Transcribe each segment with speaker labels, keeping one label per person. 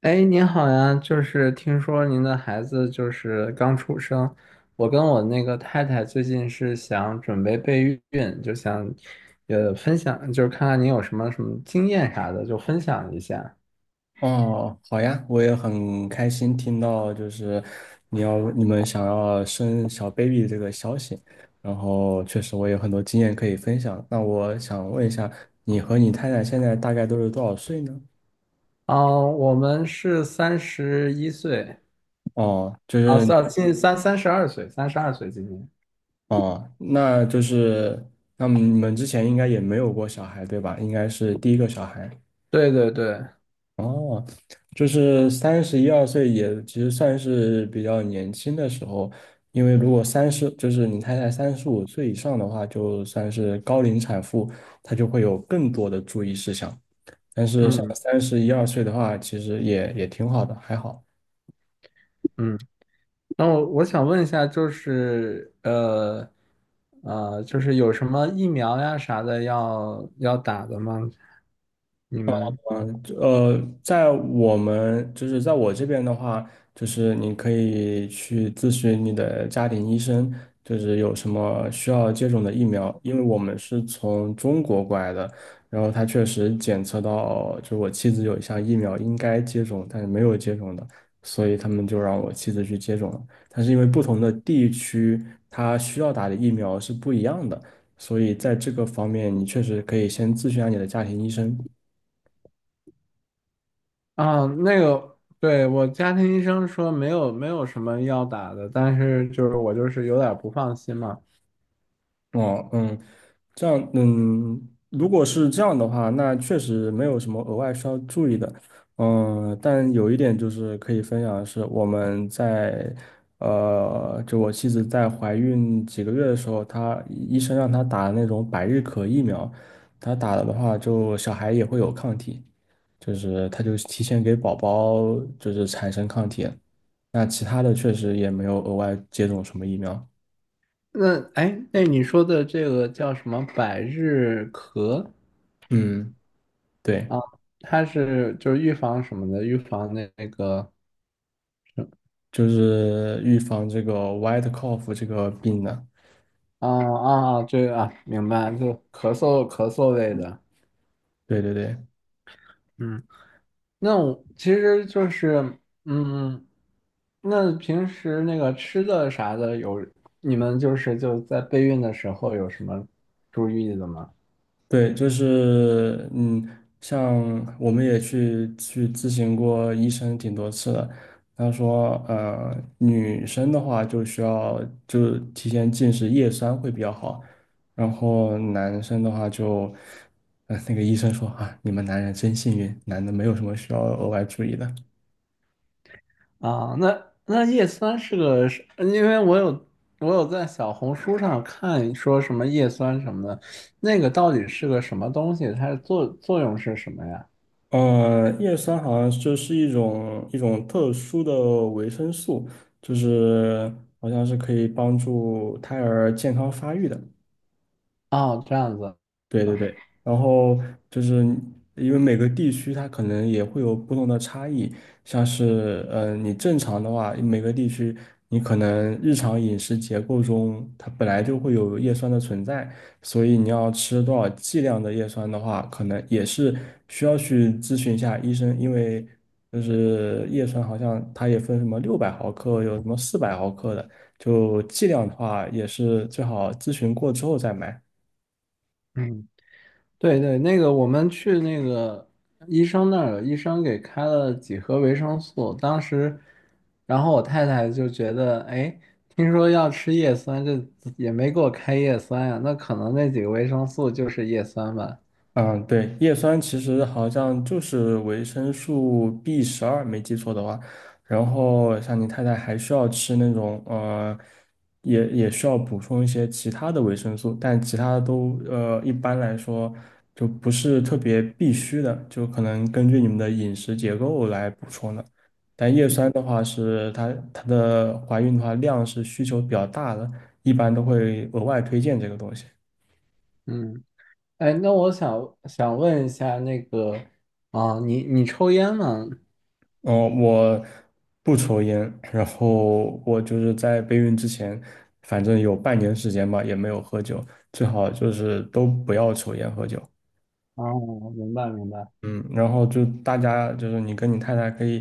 Speaker 1: 哎，您好呀，就是听说您的孩子就是刚出生，我跟我那个太太最近是想准备备孕，就想分享，就是看看您有什么经验啥的，就分享一下。
Speaker 2: 哦，好呀，我也很开心听到就是你们想要生小 baby 这个消息，然后确实我有很多经验可以分享。那我想问一下，你和你太太现在大概都是多少岁呢？
Speaker 1: 哦，我们是三十一岁，
Speaker 2: 哦，就
Speaker 1: 啊，
Speaker 2: 是。
Speaker 1: 三近三三十二岁，三十二岁今年。
Speaker 2: 哦，那就是。那你们之前应该也没有过小孩，对吧？应该是第一个小孩。
Speaker 1: 对对对，
Speaker 2: 哦，就是三十一二岁也其实算是比较年轻的时候，因为如果三十，就是你太太35岁以上的话，就算是高龄产妇，她就会有更多的注意事项。但是像
Speaker 1: 嗯
Speaker 2: 三十一二岁的话，其实也挺好的，还好。
Speaker 1: 嗯。那我想问一下，就是有什么疫苗呀啥的要打的吗？你们
Speaker 2: 嗯，在我们就是在我这边的话，就是你可以去咨询你的家庭医生，就是有什么需要接种的疫苗，因为我们是从中国过来的，然后他确实检测到，就是我妻子有一项疫苗应该接种，但是没有接种的，所以他们就让我妻子去接种了。但是因为不同的地区，它需要打的疫苗是不一样的，所以在这个方面，你确实可以先咨询一下你的家庭医生。
Speaker 1: 啊，那个，对，我家庭医生说没有什么要打的，但是就是我就是有点不放心嘛。
Speaker 2: 哦，嗯。这样，嗯，如果是这样的话，那确实没有什么额外需要注意的。嗯，但有一点就是可以分享的是，我们在就我妻子在怀孕几个月的时候，她医生让她打那种百日咳疫苗，她打了的话，就小孩也会有抗体，就是她就提前给宝宝就是产生抗体了。那其他的确实也没有额外接种什么疫苗。
Speaker 1: 那哎，那你说的这个叫什么百日咳
Speaker 2: 嗯，对。
Speaker 1: 啊？它是就是预防什么的？预防那个
Speaker 2: 就是预防这个 white cough 这个病的。
Speaker 1: 啊啊啊，这个啊，明白，就咳嗽类的。
Speaker 2: 对对对
Speaker 1: 嗯。那我其实就是，嗯，那平时那个吃的啥的有，你们就是就在备孕的时候有什么注意的吗？
Speaker 2: 对。就是像我们也去咨询过医生挺多次的，他说女生的话就需要就提前进食叶酸会比较好，然后男生的话就，那个医生说啊，你们男人真幸运，男的没有什么需要额外注意的。
Speaker 1: 啊，那那叶酸是个是因为我有我有在小红书上看说什么叶酸什么的，那个到底是个什么东西？它的作用是什么呀？
Speaker 2: 叶酸好像就是一种特殊的维生素，就是好像是可以帮助胎儿健康发育的。
Speaker 1: 哦，这样子，
Speaker 2: 对对对，然后就是因为每个地区它可能也会有不同的差异，像是你正常的话，每个地区你可能日常饮食结构中它本来就会有叶酸的存在，所以你要吃多少剂量的叶酸的话，可能也是需要去咨询一下医生，因为就是叶酸好像它也分什么600毫克，有什么400毫克的，就剂量的话也是最好咨询过之后再买。
Speaker 1: 嗯。对对，那个我们去那个医生那儿，医生给开了几盒维生素。当时，然后我太太就觉得，哎，听说要吃叶酸，这也没给我开叶酸呀，那可能那几个维生素就是叶酸吧。
Speaker 2: 嗯，对，叶酸其实好像就是维生素 B12，没记错的话。然后像你太太还需要吃那种也需要补充一些其他的维生素，但其他的都一般来说就不是特别必须的，就可能根据你们的饮食结构来补充的。但叶酸的话是它的怀孕的话量是需求比较大的，一般都会额外推荐这个东西。
Speaker 1: 嗯，哎，那我想问一下，那个啊，你你抽烟吗？
Speaker 2: 嗯，我不抽烟，然后我就是在备孕之前，反正有半年时间吧，也没有喝酒，最好就是都不要抽烟喝酒。
Speaker 1: 哦，明白明白。
Speaker 2: 嗯，然后就大家就是你跟你太太可以，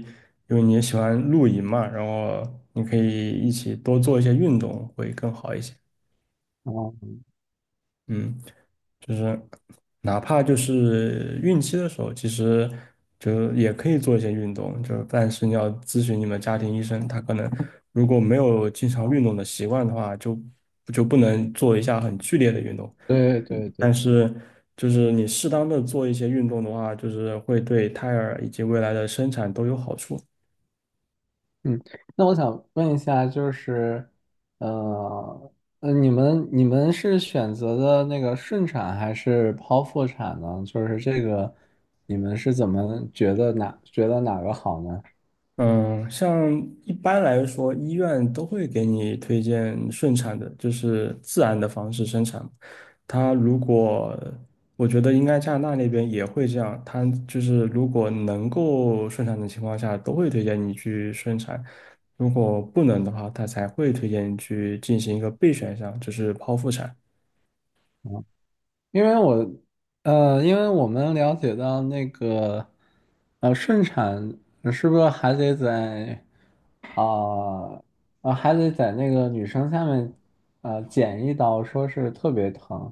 Speaker 2: 因为你也喜欢露营嘛，然后你可以一起多做一些运动会更好一些。
Speaker 1: 哦，
Speaker 2: 嗯。就是哪怕就是孕期的时候，其实就也可以做一些运动，就但是你要咨询你们家庭医生，他可能如果没有经常运动的习惯的话，就不能做一下很剧烈的运动。
Speaker 1: 对对
Speaker 2: 但
Speaker 1: 对。
Speaker 2: 是就是你适当的做一些运动的话，就是会对胎儿以及未来的生产都有好处。
Speaker 1: 嗯，那我想问一下，就是，呃，你们你们是选择的那个顺产还是剖腹产呢？就是这个，你们是怎么觉得哪个好呢？
Speaker 2: 嗯，像一般来说，医院都会给你推荐顺产的，就是自然的方式生产。他如果，我觉得应该加拿大那边也会这样，他就是如果能够顺产的情况下，都会推荐你去顺产；如果不能的话，他才会推荐你去进行一个备选项，就是剖腹产。
Speaker 1: 因为我，因为我们了解到那个，顺产是不是还得在，啊、还得在那个女生下面，剪一刀，说是特别疼，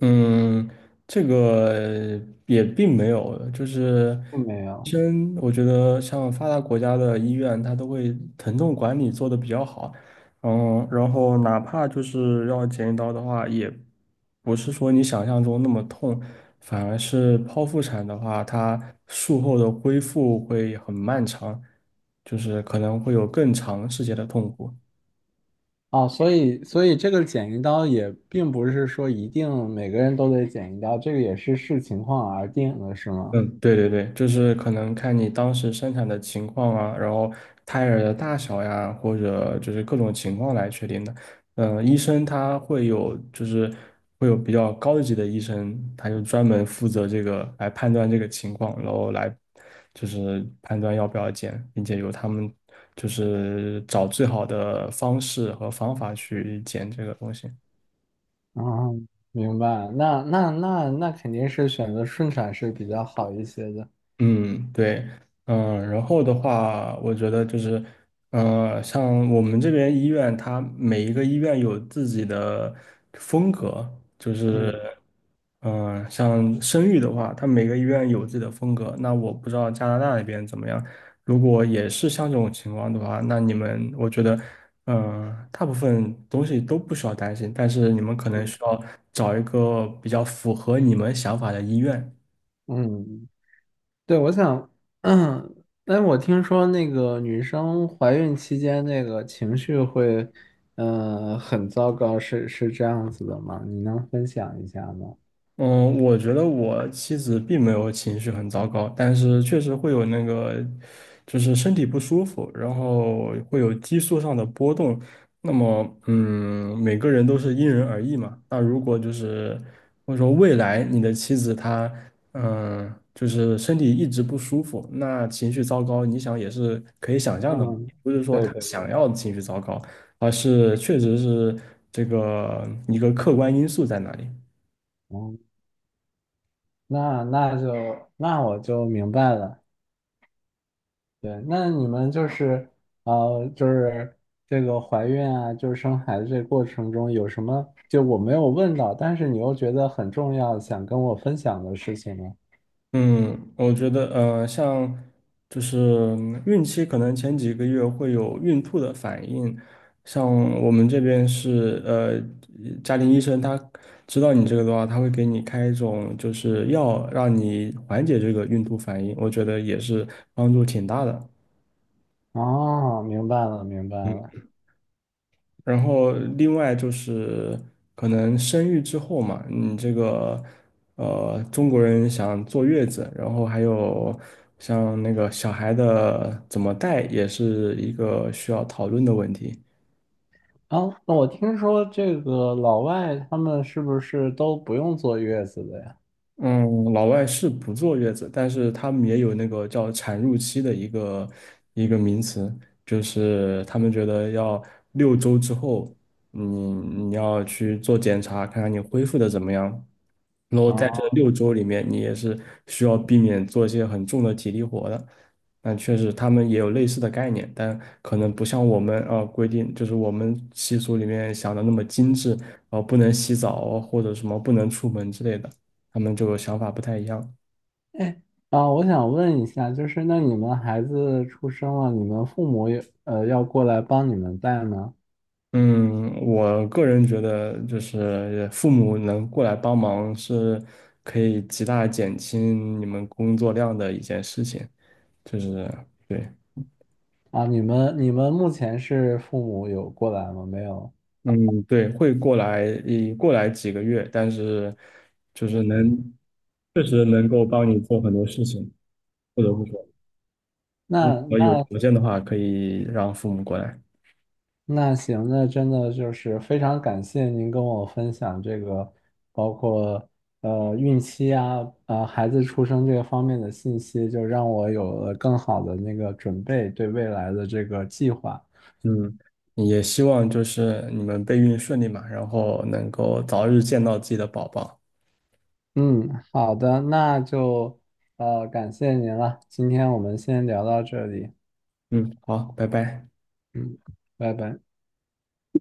Speaker 2: 嗯，这个也并没有，就是
Speaker 1: 并没
Speaker 2: 医
Speaker 1: 有。
Speaker 2: 生，我觉得像发达国家的医院，它都会疼痛管理做得比较好，嗯，然后哪怕就是要剪一刀的话，也不是说你想象中那么痛，反而是剖腹产的话，它术后的恢复会很漫长，就是可能会有更长时间的痛苦。
Speaker 1: 哦，所以这个剪一刀也并不是说一定每个人都得剪一刀，这个也是视情况而定的，是吗？
Speaker 2: 嗯，对对对，就是可能看你当时生产的情况啊，然后胎儿的大小呀，或者就是各种情况来确定的。嗯，医生他会有，就是会有比较高级的医生，他就专门负责这个来判断这个情况，然后来就是判断要不要剪，并且由他们就是找最好的方式和方法去剪这个东西。
Speaker 1: 啊，明白。那肯定是选择顺产是比较好一些的。
Speaker 2: 嗯，对。嗯，然后的话，我觉得就是，像我们这边医院，它每一个医院有自己的风格。就是，
Speaker 1: 嗯
Speaker 2: 像生育的话，它每个医院有自己的风格。那我不知道加拿大那边怎么样，如果也是像这种情况的话，那你们，我觉得，大部分东西都不需要担心，但是你们可能
Speaker 1: 嗯
Speaker 2: 需要找一个比较符合你们想法的医院。
Speaker 1: 嗯，对，我想，嗯，但我听说那个女生怀孕期间那个情绪会，很糟糕，是这样子的吗？你能分享一下吗？
Speaker 2: 嗯，我觉得我妻子并没有情绪很糟糕，但是确实会有那个，就是身体不舒服，然后会有激素上的波动。那么，嗯，每个人都是因人而异嘛。那如果就是或者说未来你的妻子她，就是身体一直不舒服，那情绪糟糕，你想也是可以想象的嘛，
Speaker 1: 嗯，
Speaker 2: 不是说
Speaker 1: 对
Speaker 2: 她
Speaker 1: 对
Speaker 2: 想
Speaker 1: 对，
Speaker 2: 要情绪糟糕，而是确实是这个一个客观因素在那里。
Speaker 1: 嗯。那我就明白了。对，那你们就是就是这个怀孕啊，就是生孩子这过程中有什么就我没有问到，但是你又觉得很重要，想跟我分享的事情呢？
Speaker 2: 嗯，我觉得像就是孕期可能前几个月会有孕吐的反应，像我们这边是家庭医生他知道你这个的话，他会给你开一种就是药，让你缓解这个孕吐反应，我觉得也是帮助挺大的。
Speaker 1: 哦，明白了，明白了。
Speaker 2: 然后另外就是可能生育之后嘛，你这个中国人想坐月子，然后还有像那个小孩的怎么带，也是一个需要讨论的问题。
Speaker 1: 哦，那我听说这个老外他们是不是都不用坐月子的呀？
Speaker 2: 嗯，老外是不坐月子，但是他们也有那个叫产褥期的一个名词，就是他们觉得要六周之后，你要去做检查，看看你恢复的怎么样，然后在这
Speaker 1: 哦，
Speaker 2: 六周里面，你也是需要避免做一些很重的体力活的。但确实，他们也有类似的概念，但可能不像我们啊、规定，就是我们习俗里面想的那么精致，不能洗澡或者什么不能出门之类的，他们就想法不太一样。
Speaker 1: 哎，啊，我想问一下，就是那你们孩子出生了，你们父母也要过来帮你们带吗？
Speaker 2: 嗯，我个人觉得，就是父母能过来帮忙，是可以极大减轻你们工作量的一件事情。就是对。
Speaker 1: 啊，你们目前是父母有过来吗？没有。
Speaker 2: 嗯，对，会过来，一过来几个月，但是就是能，确实能够帮你做很多事情，不得不
Speaker 1: 嗯，
Speaker 2: 说，如
Speaker 1: 那
Speaker 2: 果有
Speaker 1: 那
Speaker 2: 条件的话，可以让父母过来。
Speaker 1: 那行，那真的就是非常感谢您跟我分享这个，包括孕期啊，孩子出生这个方面的信息，就让我有了更好的那个准备，对未来的这个计划。
Speaker 2: 嗯，也希望就是你们备孕顺利嘛，然后能够早日见到自己的宝宝。
Speaker 1: 嗯，好的，那就感谢您了，今天我们先聊到这里，
Speaker 2: 嗯，好，拜拜。
Speaker 1: 嗯，拜拜。